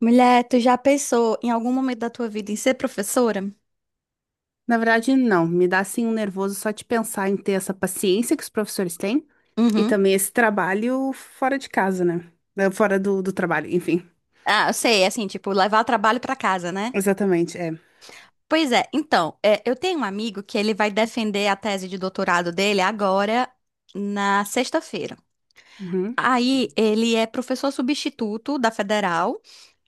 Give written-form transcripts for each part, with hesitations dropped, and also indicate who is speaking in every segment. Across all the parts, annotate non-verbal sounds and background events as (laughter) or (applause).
Speaker 1: Mulher, tu já pensou em algum momento da tua vida em ser professora?
Speaker 2: Na verdade, não. Me dá assim um nervoso só de pensar em ter essa paciência que os professores têm e
Speaker 1: Uhum.
Speaker 2: também esse trabalho fora de casa, né? Fora do, do trabalho, enfim.
Speaker 1: Ah, eu sei, assim, tipo, levar o trabalho pra casa, né?
Speaker 2: Exatamente, é.
Speaker 1: Pois é, então, é, eu tenho um amigo que ele vai defender a tese de doutorado dele agora na sexta-feira.
Speaker 2: Uhum,
Speaker 1: Aí ele é professor substituto da Federal.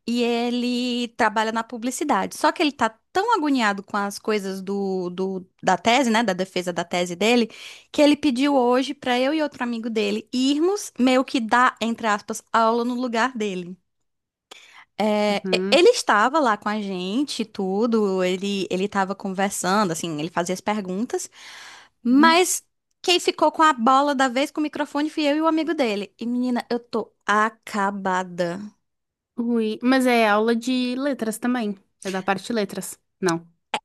Speaker 1: E ele trabalha na publicidade. Só que ele tá tão agoniado com as coisas da tese, né, da defesa da tese dele, que ele pediu hoje pra eu e outro amigo dele irmos meio que dar, entre aspas, aula no lugar dele. É,
Speaker 2: uhum,
Speaker 1: ele estava lá com a gente, e tudo, ele estava conversando, assim, ele fazia as perguntas,
Speaker 2: uhum.
Speaker 1: mas quem ficou com a bola da vez com o microfone fui eu e o amigo dele. E menina, eu tô acabada.
Speaker 2: Ui, mas é aula de letras também. É da parte de letras. Não.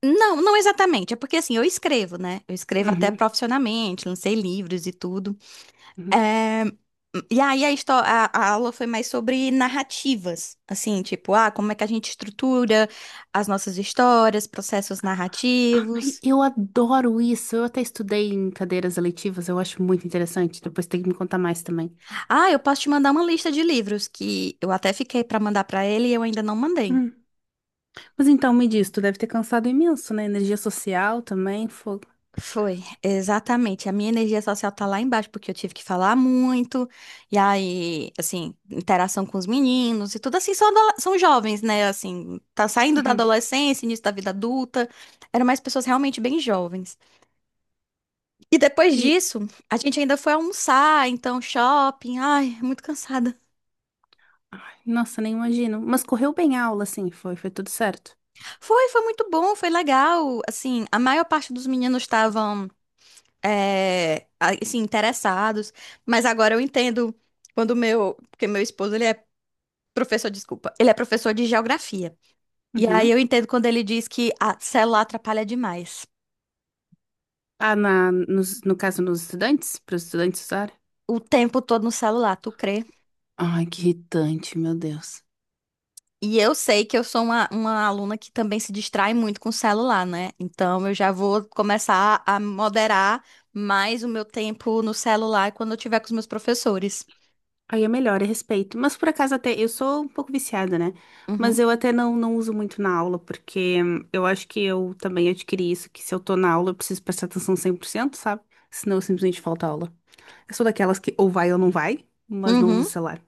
Speaker 1: Não, não exatamente. É porque assim, eu escrevo, né? Eu escrevo até
Speaker 2: Uhum,
Speaker 1: profissionalmente, lancei livros e tudo.
Speaker 2: uhum.
Speaker 1: É, e aí a aula foi mais sobre narrativas, assim, tipo, ah, como é que a gente estrutura as nossas histórias, processos
Speaker 2: Ai,
Speaker 1: narrativos.
Speaker 2: eu adoro isso. Eu até estudei em cadeiras eletivas, eu acho muito interessante. Depois tem que me contar mais também.
Speaker 1: Ah, eu posso te mandar uma lista de livros que eu até fiquei pra mandar pra ele e eu ainda não mandei.
Speaker 2: Hum. Mas então me diz, tu deve ter cansado imenso, né? Energia social também, fogo.
Speaker 1: Foi, exatamente. A minha energia social tá lá embaixo, porque eu tive que falar muito, e aí, assim, interação com os meninos e tudo assim, são, são jovens, né? Assim, tá saindo da adolescência, início da vida adulta. Eram mais pessoas realmente bem jovens. E depois
Speaker 2: E,
Speaker 1: disso, a gente ainda foi almoçar, então shopping. Ai, muito cansada.
Speaker 2: ai, nossa, nem imagino. Mas correu bem a aula, sim, foi, foi tudo certo.
Speaker 1: Foi, foi muito bom, foi legal. Assim, a maior parte dos meninos estavam. É, assim, interessados. Mas agora eu entendo quando meu, porque meu esposo, ele é professor, desculpa, ele é professor de geografia. E aí eu
Speaker 2: Uhum.
Speaker 1: entendo quando ele diz que a celular atrapalha demais.
Speaker 2: Ah, na, nos, no caso, nos estudantes, para os estudantes usarem?
Speaker 1: O tempo todo no celular, tu crê?
Speaker 2: Ai, que irritante, meu Deus.
Speaker 1: E eu sei que eu sou uma aluna que também se distrai muito com o celular, né? Então eu já vou começar a moderar mais o meu tempo no celular quando eu tiver com os meus professores.
Speaker 2: Aí é melhor, é respeito. Mas por acaso até, eu sou um pouco viciada, né? Mas
Speaker 1: Uhum.
Speaker 2: eu até não, não uso muito na aula, porque eu acho que eu também adquiri isso, que se eu tô na aula, eu preciso prestar atenção 100%, sabe? Senão eu simplesmente falto aula. Eu sou daquelas que ou vai ou não vai, mas não uso o
Speaker 1: Uhum.
Speaker 2: celular.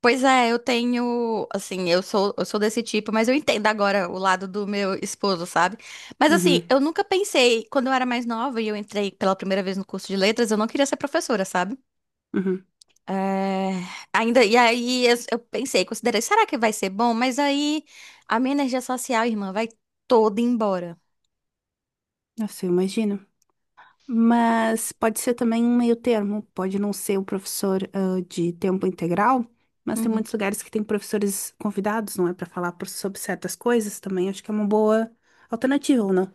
Speaker 1: Pois é, eu tenho, assim, eu sou desse tipo, mas eu entendo agora o lado do meu esposo, sabe? Mas assim,
Speaker 2: Uhum,
Speaker 1: eu nunca pensei, quando eu era mais nova e eu entrei pela primeira vez no curso de letras, eu não queria ser professora, sabe?
Speaker 2: uhum.
Speaker 1: É, ainda, e aí eu pensei, considerei, será que vai ser bom? Mas aí a minha energia social, irmã, vai toda embora.
Speaker 2: Nossa, eu imagino. Mas pode ser também um meio termo, pode não ser o professor de tempo integral, mas tem
Speaker 1: Uhum.
Speaker 2: muitos lugares que tem professores convidados, não é? Para sobre certas coisas também, acho que é uma boa alternativa, ou não?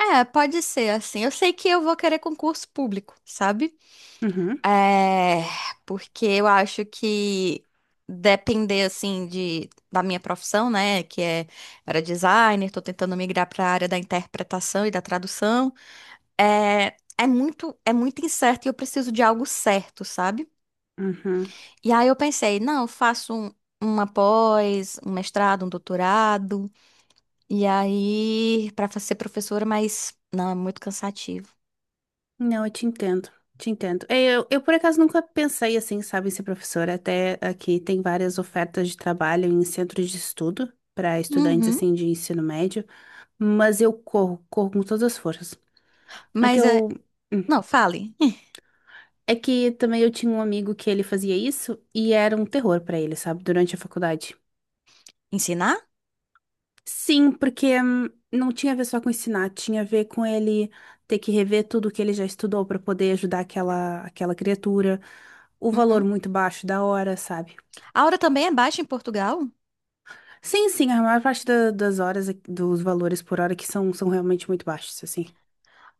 Speaker 1: É, pode ser assim. Eu sei que eu vou querer concurso público, sabe?
Speaker 2: Uhum,
Speaker 1: É, porque eu acho que depender assim de da minha profissão, né, que é era designer, tô tentando migrar para a área da interpretação e da tradução, é muito é muito incerto e eu preciso de algo certo, sabe?
Speaker 2: uhum.
Speaker 1: E aí eu pensei, não, eu faço um, uma pós, um mestrado, um doutorado, e aí para ser professora, mas não, é muito cansativo.
Speaker 2: Não, eu te entendo, te entendo. É, eu por acaso nunca pensei assim, sabe, em ser professora, até aqui tem várias ofertas de trabalho em centros de estudo para estudantes
Speaker 1: Uhum.
Speaker 2: assim de ensino médio, mas eu corro, corro com todas as forças. É que
Speaker 1: Mas é,
Speaker 2: eu.
Speaker 1: não, fale. (laughs)
Speaker 2: É que também eu tinha um amigo que ele fazia isso e era um terror pra ele, sabe? Durante a faculdade.
Speaker 1: Ensinar?
Speaker 2: Sim, porque não tinha a ver só com ensinar, tinha a ver com ele ter que rever tudo que ele já estudou pra poder ajudar aquela criatura. O valor
Speaker 1: Uhum.
Speaker 2: muito baixo da hora, sabe?
Speaker 1: A hora também é baixa em Portugal?
Speaker 2: Sim, sim, a maior parte das horas, dos valores por hora que são, são realmente muito baixos, assim.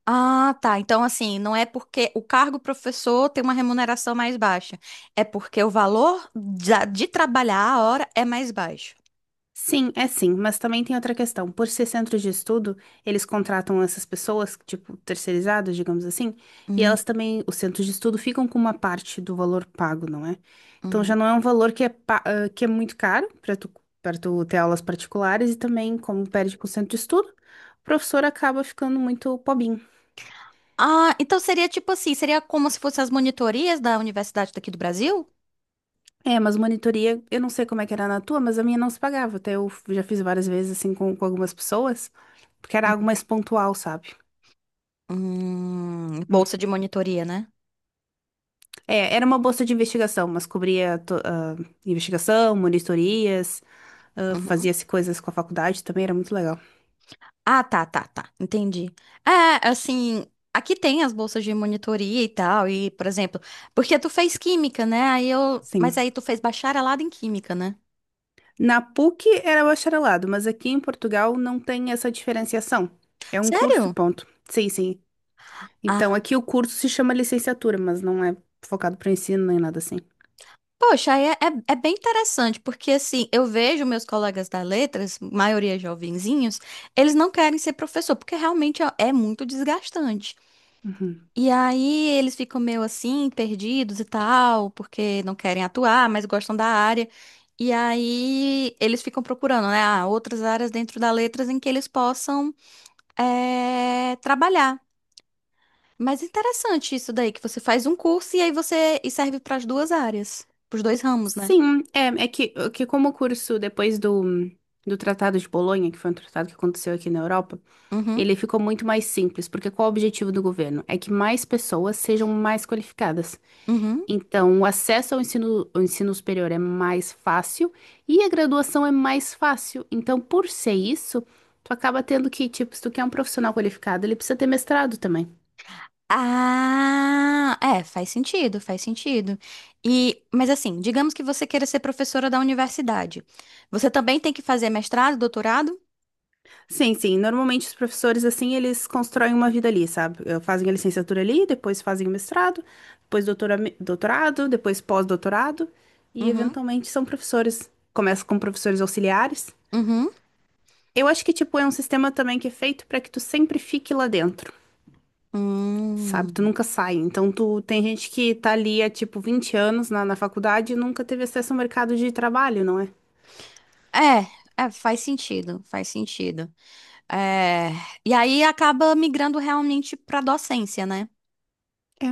Speaker 1: Ah, tá. Então, assim, não é porque o cargo professor tem uma remuneração mais baixa. É porque o valor de trabalhar a hora é mais baixo.
Speaker 2: Sim, é sim, mas também tem outra questão. Por ser centro de estudo, eles contratam essas pessoas, tipo, terceirizadas, digamos assim, e
Speaker 1: Hum,
Speaker 2: elas também, os centros de estudo ficam com uma parte do valor pago, não é? Então já
Speaker 1: uhum.
Speaker 2: não é um valor que é, que é muito caro para tu ter aulas particulares e também, como perde com o centro de estudo, o professor acaba ficando muito pobinho.
Speaker 1: Ah, então seria tipo assim, seria como se fossem as monitorias da universidade daqui do Brasil?
Speaker 2: É, mas monitoria, eu não sei como é que era na tua, mas a minha não se pagava. Até eu já fiz várias vezes, assim, com algumas pessoas, porque era algo
Speaker 1: Uhum.
Speaker 2: mais pontual, sabe?
Speaker 1: Bolsa de monitoria, né?
Speaker 2: É, era uma bolsa de investigação, mas cobria investigação, monitorias,
Speaker 1: Uhum.
Speaker 2: fazia-se coisas com a faculdade também, era muito legal.
Speaker 1: Ah, tá, tá, tá. Entendi. É, assim, aqui tem as bolsas de monitoria e tal, e, por exemplo, porque tu fez química, né? Aí eu, mas
Speaker 2: Sim.
Speaker 1: aí tu fez bacharelado em química, né?
Speaker 2: Na PUC era bacharelado, mas aqui em Portugal não tem essa diferenciação. É um curso e
Speaker 1: Sério?
Speaker 2: ponto. Sim, sim. Então aqui o curso se chama licenciatura, mas não é focado para ensino nem nada assim.
Speaker 1: Poxa, aí é, é bem interessante, porque assim, eu vejo meus colegas da letras, maioria jovenzinhos, eles não querem ser professor, porque realmente é muito desgastante.
Speaker 2: Uhum.
Speaker 1: E aí eles ficam meio assim, perdidos e tal, porque não querem atuar, mas gostam da área. E aí eles ficam procurando, né, ah, outras áreas dentro da letras em que eles possam trabalhar. Mas interessante isso daí, que você faz um curso e aí você e serve para as duas áreas, para os dois ramos, né?
Speaker 2: Sim, é, é que como o curso depois do, do Tratado de Bolonha, que foi um tratado que aconteceu aqui na Europa,
Speaker 1: Uhum,
Speaker 2: ele ficou muito mais simples, porque qual é o objetivo do governo? É que mais pessoas sejam mais qualificadas.
Speaker 1: uhum.
Speaker 2: Então, o acesso ao ensino superior é mais fácil e a graduação é mais fácil. Então, por ser isso, tu acaba tendo que, tipo, se tu quer um profissional qualificado, ele precisa ter mestrado também.
Speaker 1: Ah, é, faz sentido, faz sentido. E, mas assim, digamos que você queira ser professora da universidade. Você também tem que fazer mestrado, doutorado?
Speaker 2: Sim, sim. Normalmente os professores, assim, eles constroem uma vida ali, sabe? Fazem a licenciatura ali, depois fazem o mestrado, depois doutorado, depois pós-doutorado, e
Speaker 1: Uhum,
Speaker 2: eventualmente são professores. Começa com professores auxiliares.
Speaker 1: uhum.
Speaker 2: Eu acho que, tipo, é um sistema também que é feito para que tu sempre fique lá dentro, sabe? Tu
Speaker 1: Hum.
Speaker 2: nunca sai. Então, tu tem gente que tá ali há, tipo, 20 anos na faculdade e nunca teve acesso ao mercado de trabalho, não é?
Speaker 1: É, faz sentido, faz sentido. É, e aí acaba migrando realmente para docência, né?
Speaker 2: É.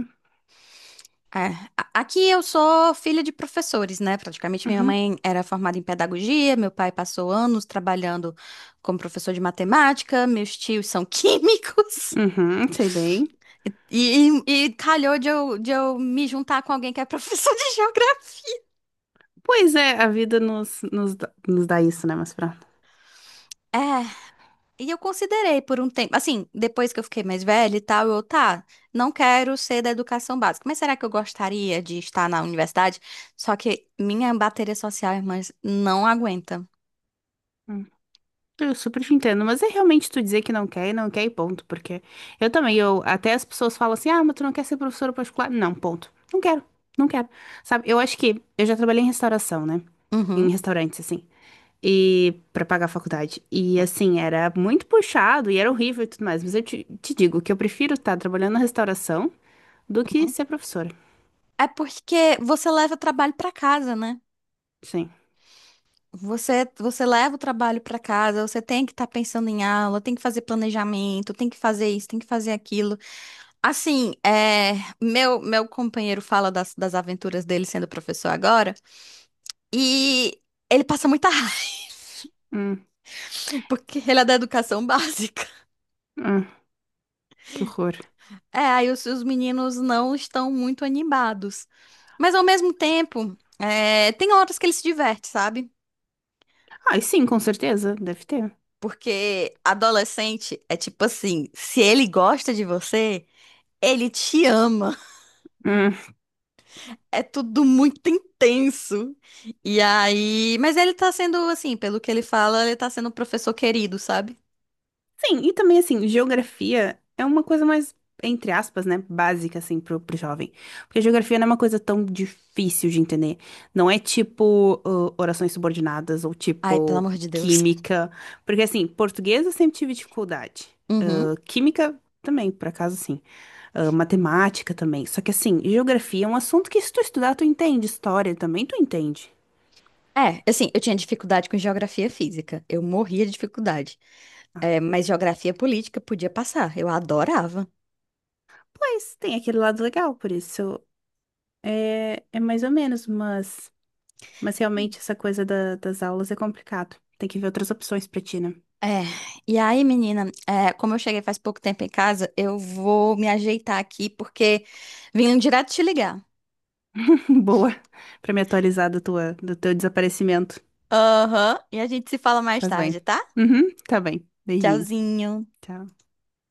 Speaker 1: É, aqui eu sou filha de professores, né? Praticamente minha
Speaker 2: Uhum.
Speaker 1: mãe era formada em pedagogia, meu pai passou anos trabalhando como professor de matemática, meus tios são (laughs) químicos.
Speaker 2: Uhum, sei bem.
Speaker 1: E, e calhou de eu me juntar com alguém que é professor de (laughs) geografia.
Speaker 2: Pois é, a vida nos dá isso, né, mas pra
Speaker 1: É, e eu considerei por um tempo, assim, depois que eu fiquei mais velha e tal, eu, tá, não quero ser da educação básica, mas será que eu gostaria de estar na universidade? Só que minha bateria social, irmãs, não aguenta.
Speaker 2: hum, eu super te entendo, mas é realmente tu dizer que não quer e não quer e ponto, porque eu também, eu até as pessoas falam assim, ah, mas tu não quer ser professora particular? Não, ponto. Não quero, não quero. Sabe, eu acho que eu já trabalhei em restauração, né? Em
Speaker 1: Uhum.
Speaker 2: restaurantes, assim, e pra pagar a faculdade. E assim, era muito puxado e era horrível e tudo mais, mas eu te digo que eu prefiro estar trabalhando na restauração do que
Speaker 1: uhum.
Speaker 2: ser professora.
Speaker 1: É porque você leva o trabalho para casa, né?
Speaker 2: Sim.
Speaker 1: Você leva o trabalho para casa, você tem que estar pensando em aula, tem que fazer planejamento, tem que fazer isso, tem que fazer aquilo. Assim, é, meu companheiro fala das aventuras dele sendo professor agora, e ele passa muita raiva,
Speaker 2: Hum,
Speaker 1: (laughs) porque ele é da educação básica.
Speaker 2: hum, que horror.
Speaker 1: É, aí os meninos não estão muito animados. Mas ao mesmo tempo, é, tem horas que ele se diverte, sabe?
Speaker 2: Ah, e sim, com certeza, deve ter.
Speaker 1: Porque adolescente é tipo assim, se ele gosta de você, ele te ama.
Speaker 2: Hum.
Speaker 1: É tudo muito intenso. E aí, mas ele tá sendo assim, pelo que ele fala, ele tá sendo um professor querido, sabe?
Speaker 2: Sim, e também assim, geografia é uma coisa mais, entre aspas, né, básica assim pro jovem. Porque geografia não é uma coisa tão difícil de entender. Não é tipo orações subordinadas ou
Speaker 1: Ai, pelo
Speaker 2: tipo
Speaker 1: amor de Deus.
Speaker 2: química. Porque assim, português eu sempre tive dificuldade.
Speaker 1: Uhum.
Speaker 2: Química também, por acaso sim. Matemática também. Só que assim, geografia é um assunto que se tu estudar, tu entende. História também tu entende.
Speaker 1: É, assim, eu tinha dificuldade com geografia física. Eu morria de dificuldade.
Speaker 2: Ah,
Speaker 1: É, mas geografia política podia passar. Eu adorava.
Speaker 2: pois tem aquele lado legal, por isso é, é mais ou menos, mas. Mas realmente essa coisa das aulas é complicado. Tem que ver outras opções pra ti, né?
Speaker 1: É, e aí, menina, é, como eu cheguei faz pouco tempo em casa, eu vou me ajeitar aqui porque vim direto te ligar.
Speaker 2: (laughs) Boa. Pra me atualizar do teu desaparecimento.
Speaker 1: Aham, e a gente se fala mais
Speaker 2: Faz
Speaker 1: tarde,
Speaker 2: bem.
Speaker 1: tá?
Speaker 2: Uhum, tá bem. Beijinho.
Speaker 1: Tchauzinho.
Speaker 2: Tchau.